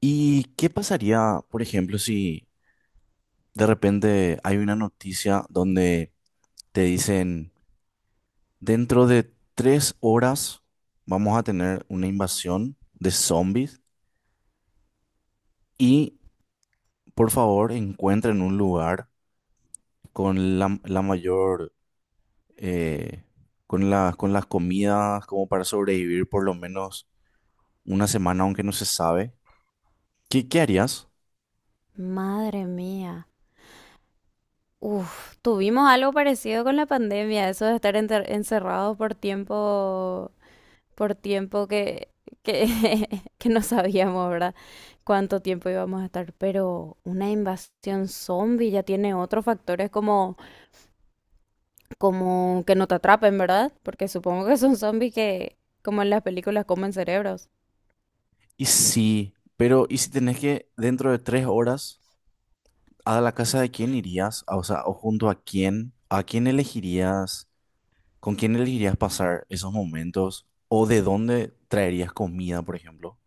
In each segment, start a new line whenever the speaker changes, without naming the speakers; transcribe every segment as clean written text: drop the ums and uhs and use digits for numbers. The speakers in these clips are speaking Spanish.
¿Y qué pasaría, por ejemplo, si de repente hay una noticia donde te dicen, dentro de 3 horas vamos a tener una invasión de zombies y por favor encuentren un lugar con la mayor, eh, con las comidas como para sobrevivir por lo menos 1 semana, aunque no se sabe? ¿Qué harías?
Madre mía. Uf, tuvimos algo parecido con la pandemia, eso de estar encerrados por tiempo que, que no sabíamos, ¿verdad? Cuánto tiempo íbamos a estar, pero una invasión zombie ya tiene otros factores como, como que no te atrapen, ¿verdad? Porque supongo que son zombies que, como en las películas, comen cerebros.
Y sí, pero ¿y si tenés que dentro de 3 horas? ¿A la casa de quién irías? Ah, o sea, o junto ¿a quién elegirías? ¿Con quién elegirías pasar esos momentos? ¿O de dónde traerías comida, por ejemplo?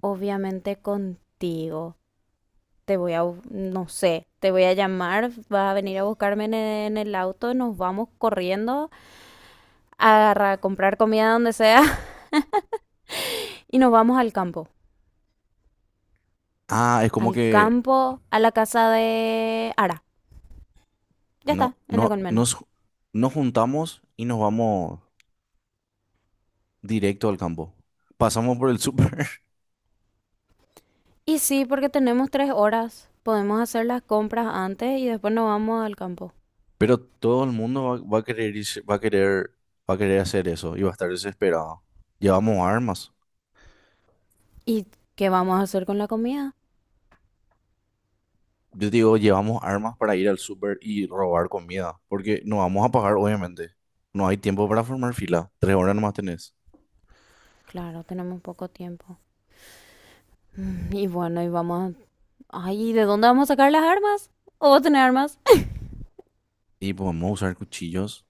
Obviamente contigo. Te voy a, no sé, te voy a llamar, vas a venir a buscarme en en el auto, nos vamos corriendo a, a comprar comida donde sea y nos vamos al campo.
Ah, es como
Al
que
campo, a la casa de Ara. Ya
no,
está, en la
no,
colmena.
nos, nos juntamos y nos vamos directo al campo. Pasamos por el súper.
Y sí, porque tenemos tres horas. Podemos hacer las compras antes y después nos vamos al campo.
Pero todo el mundo va a querer, va a querer, va a querer hacer eso y va a estar desesperado. Llevamos armas.
¿Y qué vamos a hacer con la comida?
Yo digo, llevamos armas para ir al súper y robar comida, porque no vamos a pagar, obviamente. No hay tiempo para formar fila. 3 horas nomás tenés.
Claro, tenemos poco tiempo. Y bueno, y vamos a... Ay, ¿y ¿de dónde vamos a sacar las armas? ¿O vos tenés armas?
Y podemos usar cuchillos.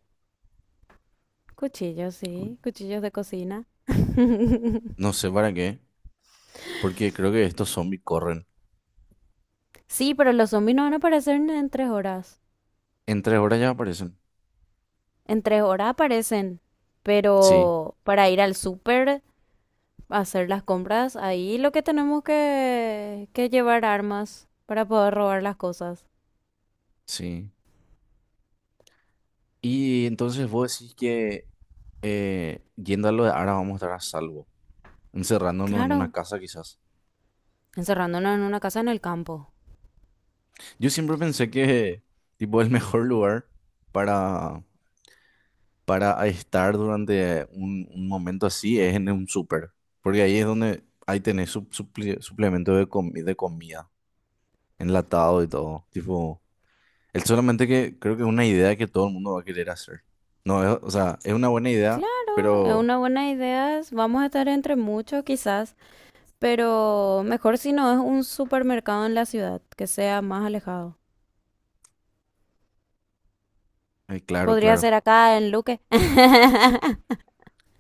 Cuchillos,
Uy,
sí. Cuchillos de cocina.
no sé para qué, porque creo que estos zombies corren.
Sí, pero los zombies no van a aparecer en tres horas.
En 3 horas ya aparecen.
En tres horas aparecen.
Sí,
Pero para ir al súper, hacer las compras, ahí lo que tenemos que llevar armas para poder robar las cosas.
sí. Y entonces vos decís que yendo a lo de ahora vamos a estar a salvo, encerrándonos en una
Claro.
casa quizás.
Encerrándonos en una casa en el campo.
Yo siempre pensé que, tipo, el mejor lugar para, para estar durante un momento así es en un súper, porque ahí es donde ahí tenés suplemento de comida, enlatado y todo. Tipo, es solamente que creo que es una idea que todo el mundo va a querer hacer. No, es- o sea, es una buena idea,
Claro, es
pero
una buena idea. Es... vamos a estar entre muchos quizás, pero mejor si no es un supermercado en la ciudad, que sea más alejado.
claro,
Podría
claro.
ser acá en Luque.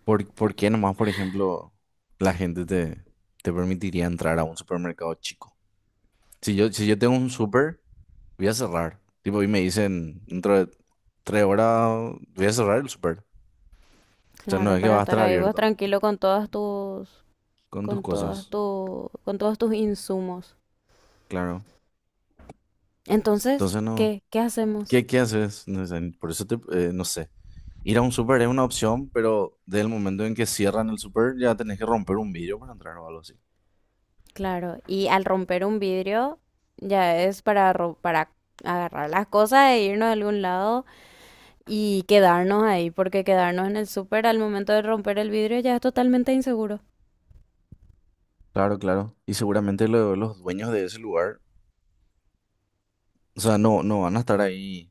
¿Por qué nomás, por ejemplo, la gente te permitiría entrar a un supermercado chico? Si yo, si yo tengo un súper. Voy a cerrar. Tipo, y me dicen, dentro de 3 horas voy a cerrar el súper. O sea, no
Claro,
es que
para
va a estar
estar ahí vos
abierto
tranquilo con todas tus,
con tus
con todas
cosas.
tu, con todos tus insumos.
Claro.
Entonces,
Entonces, no.
¿qué? ¿Qué hacemos?
¿Qué haces? No sé, por eso te, no sé. Ir a un súper es una opción, pero desde el momento en que cierran el súper ya tenés que romper un vidrio para entrar o algo así.
Claro, y al romper un vidrio ya es para para agarrar las cosas e irnos a algún lado y quedarnos ahí, porque quedarnos en el súper al momento de romper el vidrio ya es totalmente inseguro.
Claro, claro. Y seguramente los dueños de ese lugar, o sea, no van a estar ahí.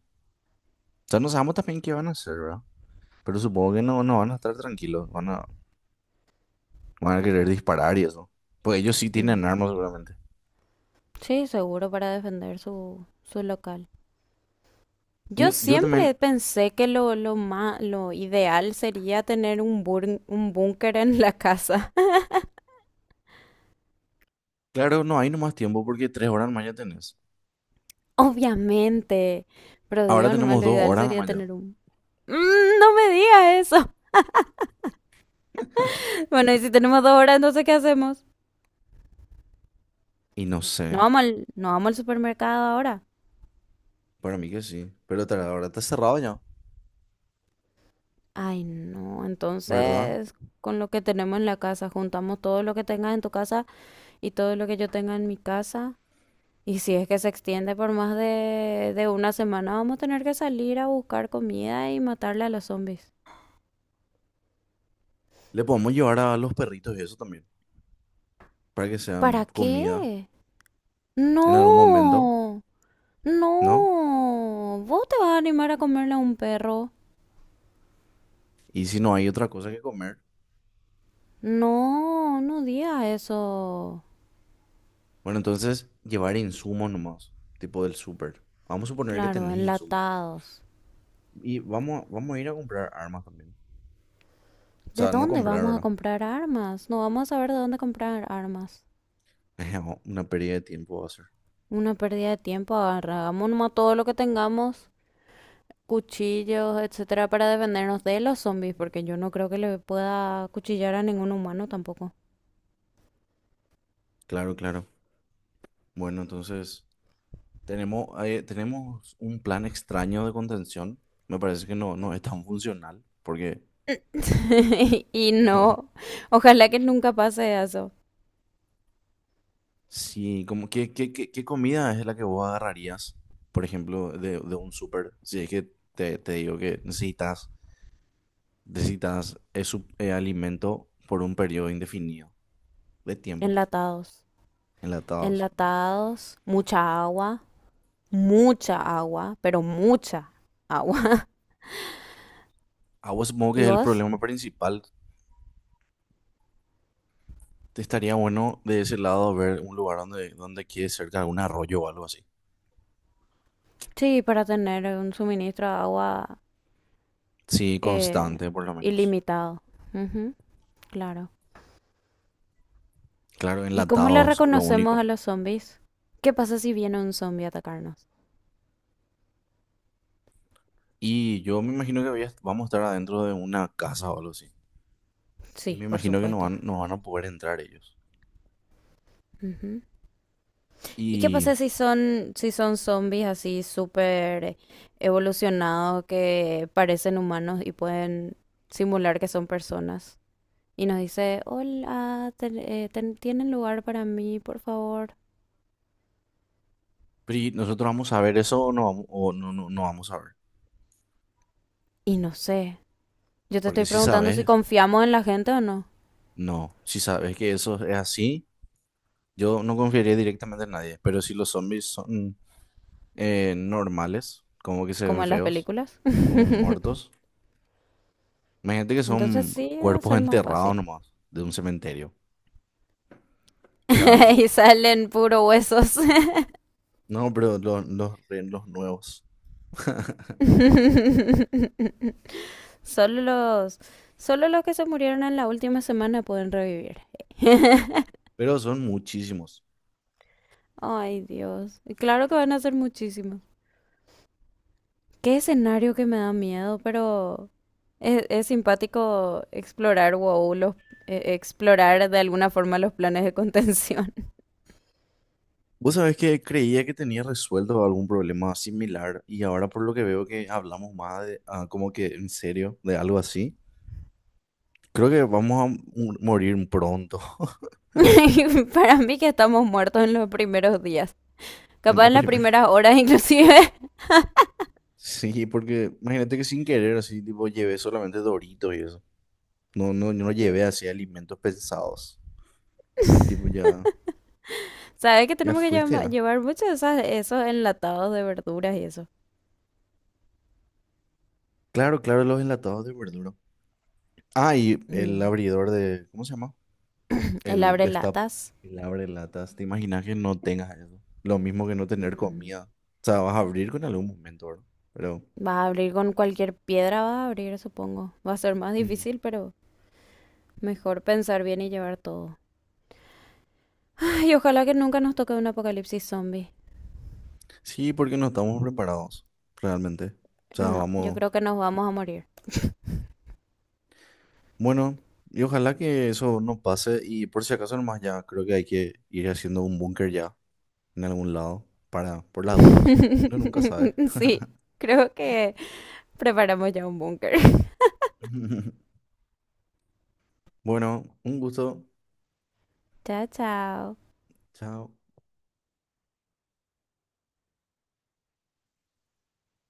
O sea, no sabemos también qué van a hacer, ¿verdad? Pero supongo que no, no van a estar tranquilos. Van a querer disparar y eso. Pues ellos sí tienen
Mm,
armas seguramente.
sí, seguro para defender su local. Yo
Yo
siempre
también,
pensé que lo lo ideal sería tener un un búnker en la casa.
claro, no hay nomás tiempo porque 3 horas nomás ya tenés.
Obviamente. Pero
Ahora
digo, nomás
tenemos
lo
dos
ideal
horas
sería
nomás ya.
tener un... Mm, no me digas eso. Bueno, y si tenemos dos horas, entonces ¿qué hacemos?
Y no sé,
No vamos al supermercado ahora.
para mí que sí. Pero ahora está cerrado ya,
Ay, no.
¿verdad?
Entonces, con lo que tenemos en la casa, juntamos todo lo que tengas en tu casa y todo lo que yo tenga en mi casa. Y si es que se extiende por más de una semana, vamos a tener que salir a buscar comida y matarle a los zombies.
Le podemos llevar a los perritos y eso también, para que sean
¿Para
comida
qué?
en algún momento,
No,
¿no?
no. ¿Vos te vas a animar a comerle a un perro?
Y si no hay otra cosa que comer,
No, no digas eso.
bueno, entonces llevar insumos nomás, tipo del súper. Vamos a suponer que
Claro,
tenés insumos.
enlatados.
Y vamos a ir a comprar armas también. O
¿De
sea, no
dónde
comprar,
vamos a
¿verdad?
comprar armas? No vamos a saber de dónde comprar armas.
Una pérdida de tiempo va a ser.
Una pérdida de tiempo, agarramos nomás todo lo que tengamos, cuchillos, etcétera, para defendernos de los zombies, porque yo no creo que le pueda cuchillar a ningún humano tampoco.
Claro, claro. Bueno, entonces tenemos, tenemos un plan extraño de contención. Me parece que no, no es tan funcional porque
Y
no.
no, ojalá que nunca pase eso.
Sí, como qué comida es la que vos agarrarías, por ejemplo, de un súper. Si es que te digo que necesitas, necesitas ese alimento por un periodo indefinido de tiempo,
Enlatados,
enlatados.
enlatados, mucha agua, pero mucha agua.
Agua supongo que
¿Y
es el
vos?
problema principal. Te estaría bueno de ese lado ver un lugar donde, donde quede cerca de un arroyo o algo así.
Sí, para tener un suministro de agua
Sí,
eh,
constante, por lo menos.
ilimitado. Ujú, claro.
Claro,
¿Y cómo le
enlatados, lo
reconocemos
único.
a los zombies? ¿Qué pasa si viene un zombie a atacarnos?
Y yo me imagino que vamos a estar adentro de una casa o algo así. Y
Sí,
me
por
imagino que
supuesto.
no van a poder entrar ellos.
Ujú. ¿Y qué
Y,
pasa si son, si son zombies así súper evolucionados que parecen humanos y pueden simular que son personas? Y nos dice, hola, ¿tienen lugar para mí, por favor?
pero ¿y nosotros vamos a ver eso o no vamos, o no, no, no vamos a ver?
Y no sé, yo te estoy
Porque si
preguntando si
sabes,
confiamos en la gente o no,
no. Si sabes que eso es así, yo no confiaría directamente en nadie. Pero si los zombies son normales, como que se
como
ven
en las
feos,
películas.
como muertos. Imagínate que
Entonces
son
sí, va a
cuerpos
ser más
enterrados
fácil.
nomás de un cementerio. O sea,
Y salen puro huesos.
no, pero los nuevos.
Solo los, solo los que se murieron en la última semana pueden revivir.
Pero son muchísimos.
Ay, Dios. Y claro que van a ser muchísimos. Qué escenario que me da miedo, pero es simpático explorar, wow, los, explorar de alguna forma los planes de contención.
Vos sabés que creía que tenía resuelto algún problema similar y ahora por lo que veo que hablamos más de, ah, como que en serio de algo así, creo que vamos a morir pronto,
Y para mí que estamos muertos en los primeros días.
en
Capaz
lo
en las
primero.
primeras horas inclusive.
Sí, porque imagínate que sin querer así, tipo, llevé solamente Doritos y eso. No llevé así alimentos pensados. Tipo, ya,
¿Sabes que
ya
tenemos que
fuiste ya.
llevar muchos de esos enlatados de verduras y eso?
Claro, claro, los enlatados de verdura. Ah, y el
Mm.
abridor de, ¿cómo se llama?
El
El
abre
destap,
latas.
el abre latas. ¿Te imaginas que no tengas eso? Lo mismo que no tener
Mm,
comida. O sea, vas a abrir con algún momento, ¿verdad? Pero
va a abrir con cualquier piedra, va a abrir, supongo. Va a ser más
mm,
difícil, pero mejor pensar bien y llevar todo. Ay, ojalá que nunca nos toque un apocalipsis zombie.
sí, porque no estamos preparados, realmente. O sea,
No, yo
vamos.
creo que nos vamos a morir.
Bueno, y ojalá que eso no pase. Y por si acaso nomás ya, creo que hay que ir haciendo un búnker ya en algún lado para, por las dudas. Uno nunca sabe.
Sí, creo que preparamos ya un búnker.
Bueno, un gusto.
Chao, chao.
Chao.